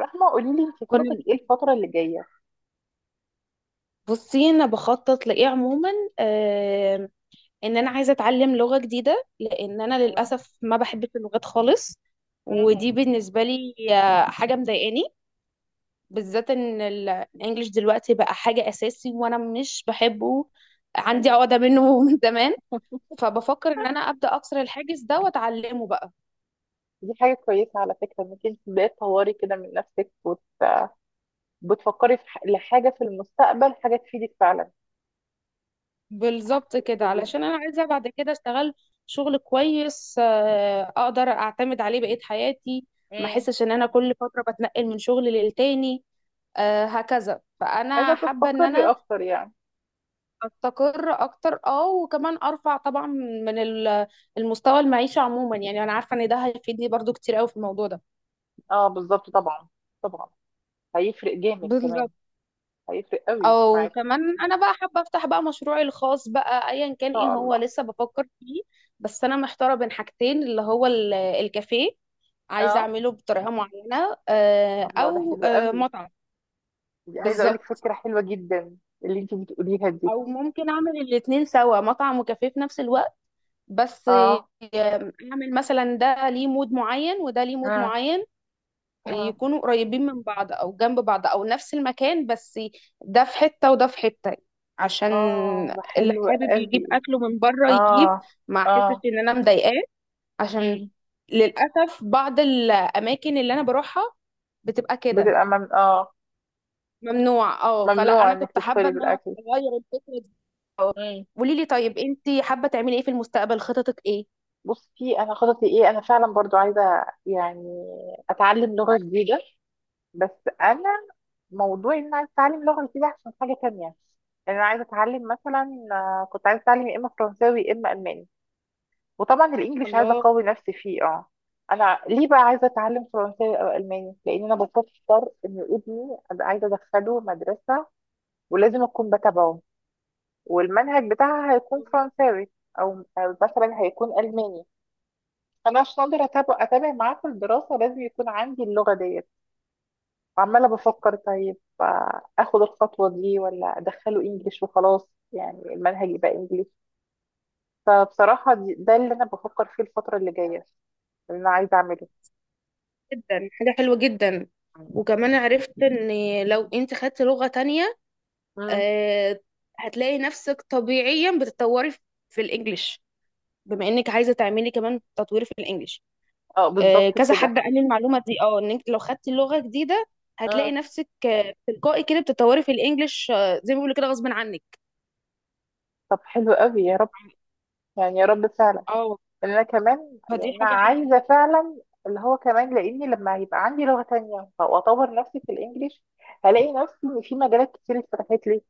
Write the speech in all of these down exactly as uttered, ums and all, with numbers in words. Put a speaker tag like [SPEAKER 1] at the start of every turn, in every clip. [SPEAKER 1] رحمة، قولي لي انت خططك
[SPEAKER 2] كنا
[SPEAKER 1] ايه الفترة اللي جاية؟
[SPEAKER 2] بصي، انا بخطط لايه عموما؟ آه ان انا عايزه اتعلم لغه جديده، لان انا للاسف ما بحبش اللغات خالص. ودي بالنسبه لي آه، حاجه مضايقاني، بالذات ان ال- الانجليش دلوقتي بقى حاجه اساسي وانا مش بحبه، عندي
[SPEAKER 1] مم.
[SPEAKER 2] عقده منه من زمان. فبفكر ان انا ابدا اكسر الحاجز ده واتعلمه بقى.
[SPEAKER 1] دي حاجة كويسة على فكرة انك انت تبدأي تطوري كده من نفسك وت... بتفكري في ح... لحاجة في المستقبل، حاجة تفيدك فعلا.
[SPEAKER 2] بالظبط كده،
[SPEAKER 1] جميلة جدا.
[SPEAKER 2] علشان انا عايزه بعد كده اشتغل شغل كويس، آه، اقدر اعتمد عليه بقية حياتي، ما
[SPEAKER 1] مم.
[SPEAKER 2] احسش ان انا كل فتره بتنقل من شغل للتاني. آه، هكذا
[SPEAKER 1] عايزة
[SPEAKER 2] فانا حابه ان
[SPEAKER 1] تستقري
[SPEAKER 2] انا
[SPEAKER 1] اكتر يعني.
[SPEAKER 2] استقر اكتر، اه، وكمان ارفع طبعا من ال- المستوى المعيشه عموما. يعني انا عارفه ان ده هيفيدني برضو كتير قوي في الموضوع ده.
[SPEAKER 1] اه بالظبط طبعا، طبعا هيفرق جامد كمان،
[SPEAKER 2] بالظبط.
[SPEAKER 1] هيفرق قوي
[SPEAKER 2] او
[SPEAKER 1] معاكي ان
[SPEAKER 2] كمان انا بقى حابه افتح بقى مشروعي الخاص بقى، ايا كان ايه
[SPEAKER 1] شاء
[SPEAKER 2] هو
[SPEAKER 1] الله.
[SPEAKER 2] لسه بفكر فيه. بس انا محتاره بين حاجتين، اللي هو ال- الكافيه، عايزة
[SPEAKER 1] اه
[SPEAKER 2] أعمله بطريقة معينة، آه،
[SPEAKER 1] الله ده
[SPEAKER 2] أو
[SPEAKER 1] حلو
[SPEAKER 2] آه،
[SPEAKER 1] قوي،
[SPEAKER 2] مطعم.
[SPEAKER 1] دي عايزة اقولك
[SPEAKER 2] بالظبط.
[SPEAKER 1] فكرة حلوة جدا اللي انت بتقوليها دي.
[SPEAKER 2] أو ممكن أعمل الاتنين سوا، مطعم وكافيه في نفس الوقت. بس آه،
[SPEAKER 1] اه
[SPEAKER 2] أعمل مثلا ده ليه مود معين وده ليه مود
[SPEAKER 1] مم.
[SPEAKER 2] معين،
[SPEAKER 1] مم.
[SPEAKER 2] يكونوا قريبين من بعض أو جنب بعض أو نفس المكان، بس ده في حتة وده في حتة. عشان
[SPEAKER 1] اه ده
[SPEAKER 2] اللي
[SPEAKER 1] حلو
[SPEAKER 2] حابب يجيب
[SPEAKER 1] قوي.
[SPEAKER 2] أكله من بره يجيب،
[SPEAKER 1] اه
[SPEAKER 2] ما أحسش
[SPEAKER 1] اه
[SPEAKER 2] إن أنا مضايقاه. عشان
[SPEAKER 1] امم
[SPEAKER 2] للأسف بعض الأماكن اللي أنا بروحها بتبقى كده
[SPEAKER 1] بتبقى مم... اه
[SPEAKER 2] ممنوع. اه، فلا
[SPEAKER 1] ممنوع
[SPEAKER 2] انا
[SPEAKER 1] انك
[SPEAKER 2] كنت حابه
[SPEAKER 1] تدخلي
[SPEAKER 2] ان انا
[SPEAKER 1] بالاكل.
[SPEAKER 2] اغير الفكره دي. اه.
[SPEAKER 1] امم
[SPEAKER 2] قولي لي طيب، انت حابه تعملي ايه في المستقبل؟ خططك ايه؟
[SPEAKER 1] بصي انا خططي ايه، انا فعلا برضو عايزه يعني اتعلم لغه جديده، بس انا موضوع ان انا عايزه اتعلم لغه جديده عشان حاجه تانية. يعني انا عايزه اتعلم مثلا، آه، كنت عايزه اتعلم يا اما فرنساوي يا اما الماني، وطبعا الانجليش عايزه
[SPEAKER 2] الله.
[SPEAKER 1] اقوي نفسي فيه اه. انا ليه بقى عايزه اتعلم فرنساوي او الماني؟ لان انا بفكر ان ابني ابقى عايزه ادخله مدرسه، ولازم اكون بتابعه، والمنهج بتاعها هيكون فرنساوي او أو مثلا هيكون الماني. فانا عشان اقدر اتابع اتابع معاه في الدراسه لازم يكون عندي اللغه ديت. وعماله بفكر طيب، آه، اخد الخطوه دي ولا ادخله انجليش وخلاص، يعني المنهج يبقى انجليش. فبصراحه دي- ده اللي انا بفكر فيه الفتره اللي جايه، اللي انا عايزه اعمله.
[SPEAKER 2] جدا حاجه حلوه جدا. وكمان عرفت ان لو انت خدت لغه تانية
[SPEAKER 1] امم
[SPEAKER 2] آه، هتلاقي نفسك طبيعيا بتتطوري في في الانجليش، بما انك عايزه تعملي كمان تطوير في الانجليش.
[SPEAKER 1] اه
[SPEAKER 2] آه،
[SPEAKER 1] بالظبط
[SPEAKER 2] كذا
[SPEAKER 1] كده
[SPEAKER 2] حد قال لي المعلومه دي، اه، ان انت لو خدتي لغه جديده هتلاقي
[SPEAKER 1] اه.
[SPEAKER 2] نفسك آه، تلقائي كده بتتطوري في الانجليش، آه، زي ما بيقولوا كده غصب عنك.
[SPEAKER 1] طب حلو قوي يا رب، يعني يا رب فعلا،
[SPEAKER 2] اه،
[SPEAKER 1] ان انا كمان يعني
[SPEAKER 2] فدي
[SPEAKER 1] انا
[SPEAKER 2] حاجة حلوة.
[SPEAKER 1] عايزه فعلا، اللي هو كمان، لاني لما هيبقى عندي لغه تانية واطور نفسي في الانجليش هلاقي نفسي ان في مجالات كتير اتفتحت لي.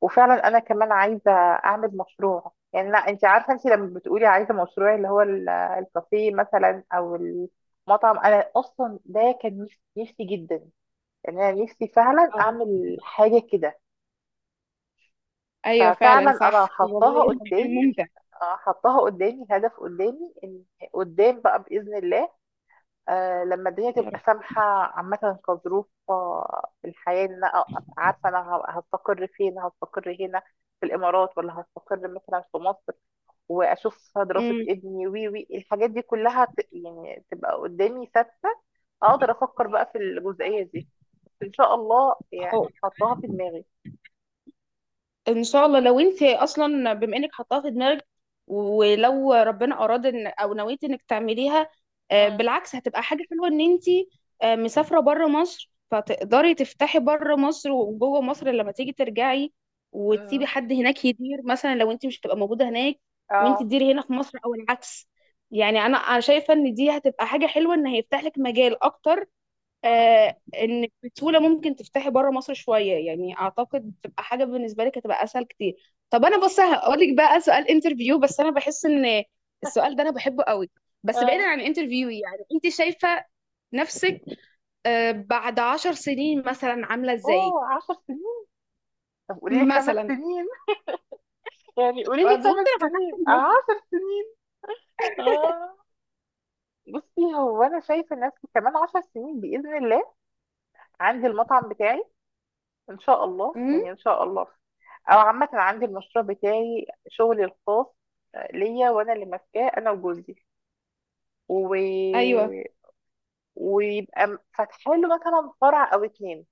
[SPEAKER 1] وفعلا انا كمان عايزه اعمل مشروع، يعني لا انت عارفه، انت لما بتقولي عايزه مشروع اللي هو ال- الكافيه مثلا او المطعم، انا اصلا ده كان نفسي نفسي جدا ان انا نفسي فعلا
[SPEAKER 2] أو.
[SPEAKER 1] اعمل حاجه كده.
[SPEAKER 2] أيوه
[SPEAKER 1] ففعلا
[SPEAKER 2] فعلا
[SPEAKER 1] انا
[SPEAKER 2] صح، والله
[SPEAKER 1] حطاها
[SPEAKER 2] صدقني
[SPEAKER 1] قدامي،
[SPEAKER 2] ممتع.
[SPEAKER 1] حطاها قدامي هدف قدامي ان قدام بقى باذن الله. آه لما الدنيا
[SPEAKER 2] يا
[SPEAKER 1] تبقى
[SPEAKER 2] رب.
[SPEAKER 1] سامحة عامة كظروف، آه، الحياة، إن أنا أبقى عارفة أنا ه- هستقر فين، هستقر هنا في الإمارات ولا هستقر مثلا في مصر، وأشوف دراسة
[SPEAKER 2] أمم.
[SPEAKER 1] ابني وي وي الحاجات دي كلها ت... يعني تبقى قدامي ثابتة، أقدر أفكر بقى في الجزئية دي. بس إن شاء الله
[SPEAKER 2] أو.
[SPEAKER 1] يعني حطها في دماغي.
[SPEAKER 2] إن شاء الله. لو أنت أصلا بما إنك حطاها في دماغك، ولو ربنا أراد إن أو نويت إنك تعمليها، آه،
[SPEAKER 1] مم.
[SPEAKER 2] بالعكس هتبقى حاجة حلوة إن أنت آه، مسافرة بره مصر، فتقدري تفتحي بره مصر وجوه مصر لما تيجي ترجعي،
[SPEAKER 1] مم.
[SPEAKER 2] وتسيبي حد هناك يدير مثلا لو أنت مش هتبقى موجودة هناك، وأنت
[SPEAKER 1] اه
[SPEAKER 2] تديري هنا في مصر أو العكس. يعني أنا أنا شايفة إن دي هتبقى حاجة حلوة، إن هيفتح لك مجال أكتر.
[SPEAKER 1] مم.
[SPEAKER 2] آه، انك بسهوله ممكن تفتحي بره مصر شويه. يعني اعتقد تبقى حاجه بالنسبه لك هتبقى اسهل كتير. طب انا بص هقول لك بقى سؤال انترفيو، بس انا بحس ان السؤال ده انا بحبه قوي. بس بعيدا
[SPEAKER 1] اه
[SPEAKER 2] عن انترفيو، يعني انت شايفه نفسك آه بعد عشر سنين مثلا عامله ازاي؟
[SPEAKER 1] اوه عشر سنين، طب قولي لي خمس
[SPEAKER 2] مثلا.
[SPEAKER 1] سنين يعني قولي لي
[SPEAKER 2] قلت
[SPEAKER 1] خمس
[SPEAKER 2] انا فتحت
[SPEAKER 1] سنين
[SPEAKER 2] المود.
[SPEAKER 1] عشر سنين. اه بصي هو انا شايفه نفسي كمان عشر سنين باذن الله عندي المطعم بتاعي، ان شاء الله
[SPEAKER 2] مم؟
[SPEAKER 1] يعني ان شاء الله، او عامه عندي المشروع بتاعي شغلي الخاص، آه، ليا وانا اللي ماسكاه انا وجوزي و...
[SPEAKER 2] ايوه.
[SPEAKER 1] ويبقى م- فاتحه له مثلا فرع او اتنين.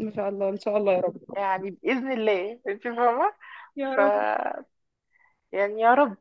[SPEAKER 2] ما شاء الله، ان شاء الله يا رب.
[SPEAKER 1] يعني باذن الله انت فاهمه.
[SPEAKER 2] يا
[SPEAKER 1] ف
[SPEAKER 2] رب.
[SPEAKER 1] يعني يا رب.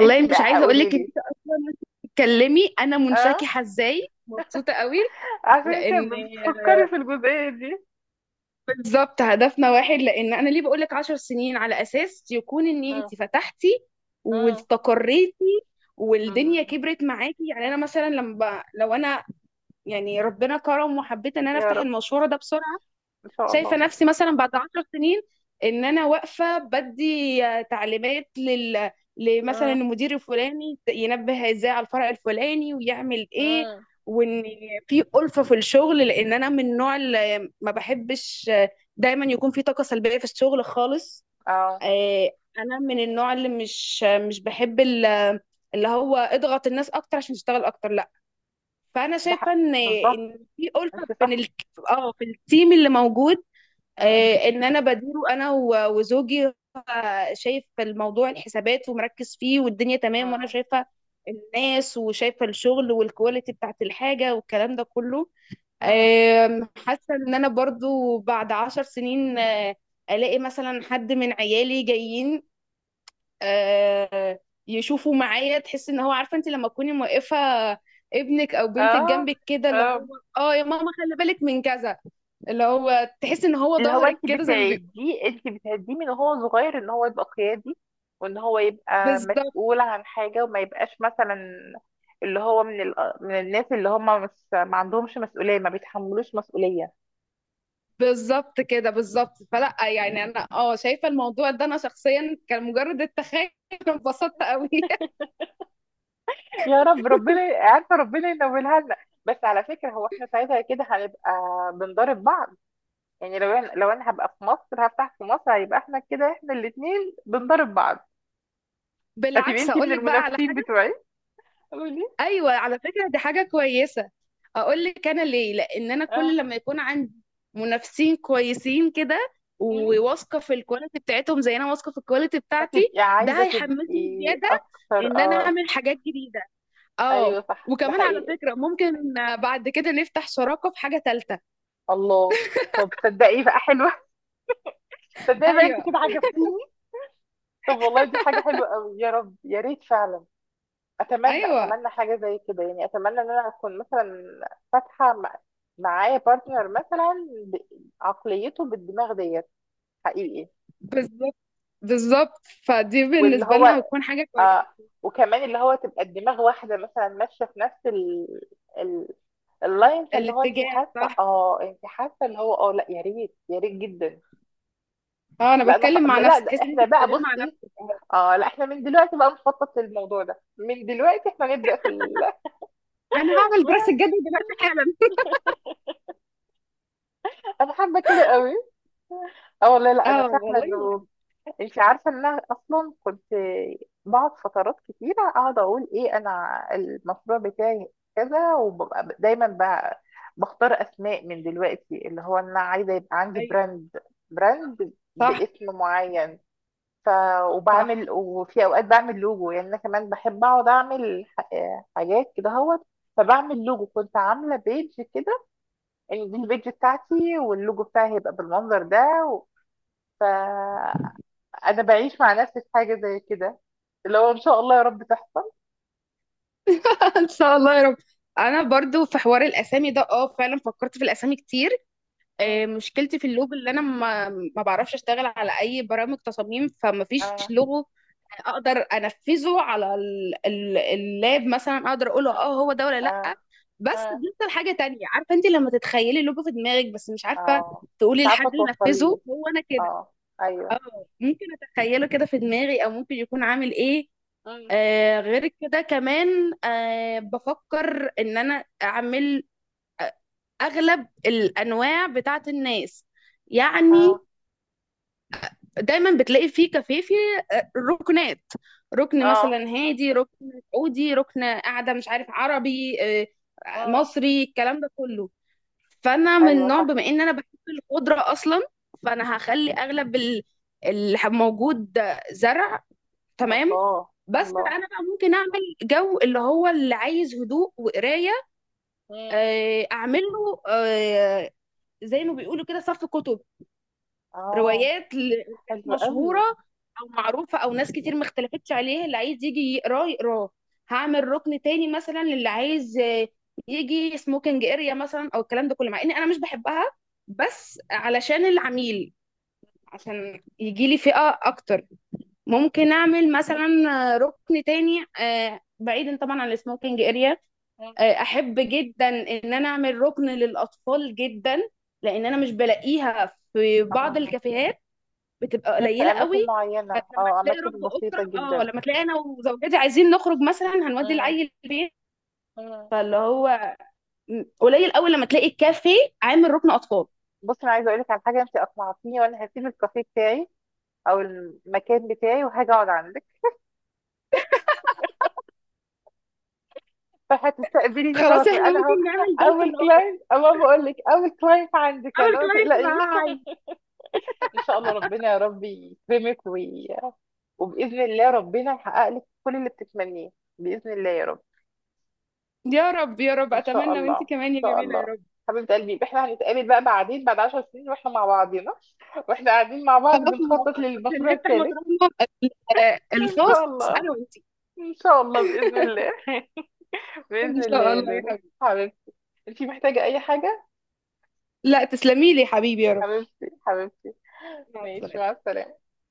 [SPEAKER 1] انت
[SPEAKER 2] مش
[SPEAKER 1] بقى
[SPEAKER 2] عايزه اقول
[SPEAKER 1] قولي
[SPEAKER 2] لك ان
[SPEAKER 1] لي.
[SPEAKER 2] انت اصلا، وانت بتتكلمي انا
[SPEAKER 1] اه
[SPEAKER 2] منشكحه ازاي، مبسوطه قوي.
[SPEAKER 1] عشان انت
[SPEAKER 2] لان
[SPEAKER 1] بتفكري في الجزئيه دي.
[SPEAKER 2] بالظبط هدفنا واحد. لان انا ليه بقول لك عشر سنين؟ على اساس يكون ان
[SPEAKER 1] مم.
[SPEAKER 2] انت فتحتي
[SPEAKER 1] مم.
[SPEAKER 2] واستقريتي والدنيا
[SPEAKER 1] مم.
[SPEAKER 2] كبرت معاكي. يعني انا مثلا لما ب- لو انا يعني ربنا كرم وحبيت ان انا
[SPEAKER 1] يا
[SPEAKER 2] افتح
[SPEAKER 1] رب
[SPEAKER 2] المشوار ده بسرعه،
[SPEAKER 1] ان شاء الله
[SPEAKER 2] شايفه نفسي مثلا بعد عشر سنين ان انا واقفه بدي آه، تعليمات لل لمثلا المدير الفلاني، ينبه ازاي على الفرع الفلاني ويعمل ايه.
[SPEAKER 1] اه
[SPEAKER 2] وان في ألفة في الشغل، لان انا من النوع اللي ما بحبش، آه، دايما يكون في طاقه سلبيه في الشغل خالص.
[SPEAKER 1] اه
[SPEAKER 2] آه، انا من النوع اللي مش آه، مش بحب ال- آه، اللي هو اضغط الناس اكتر عشان تشتغل اكتر، لا. فانا
[SPEAKER 1] ده
[SPEAKER 2] شايفه
[SPEAKER 1] حق
[SPEAKER 2] ان
[SPEAKER 1] بالظبط
[SPEAKER 2] ان في ألفة
[SPEAKER 1] انت
[SPEAKER 2] بين
[SPEAKER 1] صح
[SPEAKER 2] ال... اه، في التيم اللي موجود.
[SPEAKER 1] اه
[SPEAKER 2] آه، ان انا بديره انا و- وزوجي. هو شايف الموضوع الحسابات ومركز فيه والدنيا تمام، وانا
[SPEAKER 1] اه
[SPEAKER 2] شايفه الناس وشايفه الشغل والكواليتي بتاعت الحاجه والكلام ده كله.
[SPEAKER 1] اه
[SPEAKER 2] آم، حاسه ان انا برضو بعد عشر سنين آه، الاقي مثلا حد من عيالي جايين، آه، يشوفوا معايا. تحس ان هو، عارفه انت لما تكوني موقفه ابنك او بنتك
[SPEAKER 1] اه
[SPEAKER 2] جنبك كده، اللي هو
[SPEAKER 1] اه
[SPEAKER 2] اه يا ماما خلي بالك من كذا، اللي هو تحس ان هو
[SPEAKER 1] اللي هو
[SPEAKER 2] ظهرك
[SPEAKER 1] انت
[SPEAKER 2] كده زي ما.
[SPEAKER 1] بتعديه انت بتعديه من هو صغير ان هو يبقى قيادي، وان هو يبقى
[SPEAKER 2] بالضبط،
[SPEAKER 1] مسؤول عن حاجة وما يبقاش مثلا اللي هو من ال... من الناس اللي هم مش ما عندهمش مسؤولية ما بيتحملوش مسؤولية.
[SPEAKER 2] بالضبط كده، بالضبط. فلأ، يعني أنا آه، شايفة الموضوع ده أنا شخصيًا كان مجرد التخيُّل أنا اتبسطت أوي
[SPEAKER 1] يا رب ربنا عارفة ربنا ينولها لنا. بس على فكرة هو احنا ساعتها كده هنبقى بنضارب بعض، يعني لو انا لو انا هبقى في مصر هفتح في مصر هيبقى احنا كده احنا الاتنين بنضرب بعض، هتبقي
[SPEAKER 2] بالعكس
[SPEAKER 1] انتي من
[SPEAKER 2] هاقول لِك بقى على
[SPEAKER 1] المنافسين
[SPEAKER 2] حاجة.
[SPEAKER 1] بتوعي. قولي
[SPEAKER 2] أيوه، على فكرة دي حاجة كويسة. هاقول لِك أنا ليه، لإن أنا كل
[SPEAKER 1] اه
[SPEAKER 2] لمّا يكون عندي منافسين كويسين كده
[SPEAKER 1] مم.
[SPEAKER 2] وواثقة في الquality بتاعتهم زي أنا واثقة في الquality بتاعتي،
[SPEAKER 1] هتبقي
[SPEAKER 2] ده
[SPEAKER 1] عايزة
[SPEAKER 2] هيحمّسني
[SPEAKER 1] تبقي
[SPEAKER 2] زيادة
[SPEAKER 1] اكتر
[SPEAKER 2] إن أنا
[SPEAKER 1] اه.
[SPEAKER 2] أعمل حاجات جديدة.
[SPEAKER 1] ايوه
[SPEAKER 2] آه،
[SPEAKER 1] صح ده
[SPEAKER 2] وكمان على
[SPEAKER 1] حقيقي
[SPEAKER 2] فكرة ممكن بعد كده نفتح شراكة في حاجة تالتة.
[SPEAKER 1] الله. طب تصدقي بقى حلوة، تصدقي بقى انت
[SPEAKER 2] أيوه،
[SPEAKER 1] كده عجبتيني. طب والله دي حاجة حلوة قوي يا رب يا ريت فعلا. اتمنى
[SPEAKER 2] أيوه.
[SPEAKER 1] اتمنى حاجة زي كده، يعني اتمنى ان انا اكون مثلا فاتحة مع- معايا بارتنر مثلا ب- عقليته بالدماغ ديت حقيقي.
[SPEAKER 2] بالظبط بالظبط، فدي
[SPEAKER 1] واللي
[SPEAKER 2] بالنسبة
[SPEAKER 1] هو
[SPEAKER 2] لنا هتكون حاجة
[SPEAKER 1] اه
[SPEAKER 2] كويسة.
[SPEAKER 1] وكمان اللي هو تبقى الدماغ واحدة مثلا ماشية في نفس ال... ال... اللاين، فاللي هو انت
[SPEAKER 2] الاتجاه
[SPEAKER 1] حاسة
[SPEAKER 2] صح.
[SPEAKER 1] اه انت حاسة اللي هو اه، لا يا ريت يا ريت جدا.
[SPEAKER 2] اه، انا
[SPEAKER 1] لا انا خ...
[SPEAKER 2] بتكلم مع
[SPEAKER 1] لا
[SPEAKER 2] نفسي،
[SPEAKER 1] ده
[SPEAKER 2] تحس ان انت
[SPEAKER 1] احنا بقى
[SPEAKER 2] بتتكلمي مع
[SPEAKER 1] بصي،
[SPEAKER 2] نفسك، اه.
[SPEAKER 1] اه لا احنا من دلوقتي بقى نخطط للموضوع ده، من دلوقتي احنا نبدأ في ال...
[SPEAKER 2] انا هعمل دراسة جدوى دلوقتي حالا.
[SPEAKER 1] انا حابة كده قوي اه والله. لا انا
[SPEAKER 2] اه
[SPEAKER 1] فاهمة
[SPEAKER 2] والله.
[SPEAKER 1] انه انت عارفه ان انا اصلا كنت بقعد فترات كتيره اقعد اقول ايه انا المشروع بتاعي كذا، وببقى دايما بقى بختار اسماء من دلوقتي، اللي هو انا عايزه يبقى عندي
[SPEAKER 2] ايوه
[SPEAKER 1] براند، براند
[SPEAKER 2] صح
[SPEAKER 1] باسم معين. ف
[SPEAKER 2] صح.
[SPEAKER 1] وبعمل وفي اوقات بعمل لوجو، يعني انا كمان بحب اقعد اعمل ح- حاجات كده اهوت. فبعمل لوجو كنت عامله بيج كده ان دي البيج بتاعتي واللوجو بتاعي هيبقى بالمنظر ده. انا بعيش مع نفسي في حاجه زي كده اللي هو ان شاء الله يا رب تحصل.
[SPEAKER 2] ان شاء الله يا رب. انا برضو في حوار الاسامي ده، اه، فعلا فكرت في الاسامي كتير. آه،
[SPEAKER 1] مم.
[SPEAKER 2] مشكلتي في اللوجو، اللي انا ما ما بعرفش اشتغل على اي برامج تصاميم، فما فيش
[SPEAKER 1] اه
[SPEAKER 2] لوجو اقدر انفذه على ال- ال- اللاب، مثلا اقدر اقوله اه هو
[SPEAKER 1] اه
[SPEAKER 2] ده ولا لا.
[SPEAKER 1] اه
[SPEAKER 2] بس
[SPEAKER 1] اه
[SPEAKER 2] بيحصل حاجه تانية، عارفه انت لما تتخيلي اللوجو في دماغك بس مش عارفه
[SPEAKER 1] اه مش
[SPEAKER 2] تقولي
[SPEAKER 1] عارفه
[SPEAKER 2] لحد ينفذه
[SPEAKER 1] توصليه
[SPEAKER 2] هو انا كده.
[SPEAKER 1] اه
[SPEAKER 2] اه،
[SPEAKER 1] ايوه
[SPEAKER 2] ممكن اتخيله كده في دماغي او ممكن يكون عامل ايه.
[SPEAKER 1] مم.
[SPEAKER 2] آه، غير كده كمان آه بفكر ان انا اعمل آه، اغلب الانواع بتاعت الناس. يعني
[SPEAKER 1] اه
[SPEAKER 2] دايما بتلاقي في كافيه فيه آه، ركنات، ركن
[SPEAKER 1] اه
[SPEAKER 2] مثلا هادي، ركن سعودي، ركن قاعده مش عارف عربي آه،
[SPEAKER 1] اه
[SPEAKER 2] مصري، الكلام ده كله. فانا من
[SPEAKER 1] ايوه
[SPEAKER 2] نوع،
[SPEAKER 1] صح
[SPEAKER 2] بما ان انا بحب الخضره اصلا، فانا هخلي اغلب ال- اللي هب- موجود ده زرع. تمام.
[SPEAKER 1] الله
[SPEAKER 2] بس
[SPEAKER 1] الله
[SPEAKER 2] انا بقى ممكن اعمل جو اللي هو اللي عايز هدوء وقرايه،
[SPEAKER 1] مم.
[SPEAKER 2] آه، اعمله آه، زي ما بيقولوا كده صف كتب
[SPEAKER 1] اه
[SPEAKER 2] روايات لناس
[SPEAKER 1] حلو قوي
[SPEAKER 2] مشهورة أو معروفة أو ناس كتير ما اختلفتش عليها، اللي عايز يجي يقراه يقراه. هعمل ركن تاني مثلا للي عايز آه، يجي سموكينج اريا مثلا أو الكلام ده كله، مع إني أنا مش بحبها، بس علشان العميل، عشان يجي لي فئة أكتر. ممكن أعمل مثلا آه، ركن تاني آه، بعيدا طبعا عن السموكينج اريا.
[SPEAKER 1] مم.
[SPEAKER 2] آه، أحب جدا إن أنا أعمل ركن للأطفال جدا، لأن أنا مش بلاقيها في بعض
[SPEAKER 1] اه
[SPEAKER 2] الكافيهات، بتبقى
[SPEAKER 1] غير في
[SPEAKER 2] قليله قوي.
[SPEAKER 1] اماكن معينه
[SPEAKER 2] فلما
[SPEAKER 1] اه
[SPEAKER 2] تلاقي
[SPEAKER 1] اماكن
[SPEAKER 2] رب
[SPEAKER 1] بسيطه
[SPEAKER 2] اسره، اه،
[SPEAKER 1] جدا
[SPEAKER 2] لما تلاقي انا وزوجتي عايزين نخرج مثلا، هنودي
[SPEAKER 1] مم.
[SPEAKER 2] العيل البيت.
[SPEAKER 1] مم.
[SPEAKER 2] فاللي هو م- قليل قوي لما تلاقي الكافيه عامل ركن اطفال.
[SPEAKER 1] بصي انا عايزه اقول لك على حاجه، انت اقنعتيني وانا هسيب الكافيه بتاعي او المكان بتاعي وهاجي اقعد عندك، فهتستقبليني خلاص
[SPEAKER 2] خلاص، احنا
[SPEAKER 1] انا اهو
[SPEAKER 2] ممكن نعمل ده
[SPEAKER 1] اول
[SPEAKER 2] لده.
[SPEAKER 1] كلاينت، اما بقول لك اول كلاينت عندك
[SPEAKER 2] اول
[SPEAKER 1] انا ما
[SPEAKER 2] كلاينت
[SPEAKER 1] تقلقيش.
[SPEAKER 2] معاها عيل.
[SPEAKER 1] ان شاء الله ربنا يا رب يكرمك وي... وباذن الله ربنا يحقق لك كل اللي بتتمنيه، باذن الله يا رب.
[SPEAKER 2] يا رب يا رب
[SPEAKER 1] ان شاء
[SPEAKER 2] اتمنى،
[SPEAKER 1] الله
[SPEAKER 2] وانت
[SPEAKER 1] ان
[SPEAKER 2] كمان يا
[SPEAKER 1] شاء
[SPEAKER 2] جميله يا
[SPEAKER 1] الله
[SPEAKER 2] رب.
[SPEAKER 1] حبيبه قلبي، يبقى احنا هنتقابل بقى بعدين بعد عشر سنين واحنا مع بعضينا، واحنا قاعدين مع بعض
[SPEAKER 2] خلاص
[SPEAKER 1] بنخطط
[SPEAKER 2] موافقه، عشان
[SPEAKER 1] للمشروع
[SPEAKER 2] نفتح
[SPEAKER 1] الثالث.
[SPEAKER 2] مشروعنا ال- آه،
[SPEAKER 1] ان شاء
[SPEAKER 2] الخاص،
[SPEAKER 1] الله
[SPEAKER 2] انا وانت.
[SPEAKER 1] ان شاء الله باذن الله. باذن
[SPEAKER 2] ان
[SPEAKER 1] الله
[SPEAKER 2] شاء
[SPEAKER 1] يا
[SPEAKER 2] الله يا
[SPEAKER 1] لولو
[SPEAKER 2] حبيبي.
[SPEAKER 1] حبيبتي. انتي محتاجه اي حاجه؟
[SPEAKER 2] لا، تسلمي لي يا حبيبي يا رب.
[SPEAKER 1] حبيبتي حبيبتي
[SPEAKER 2] مع
[SPEAKER 1] ماشي مع
[SPEAKER 2] السلامه.
[SPEAKER 1] السلامة.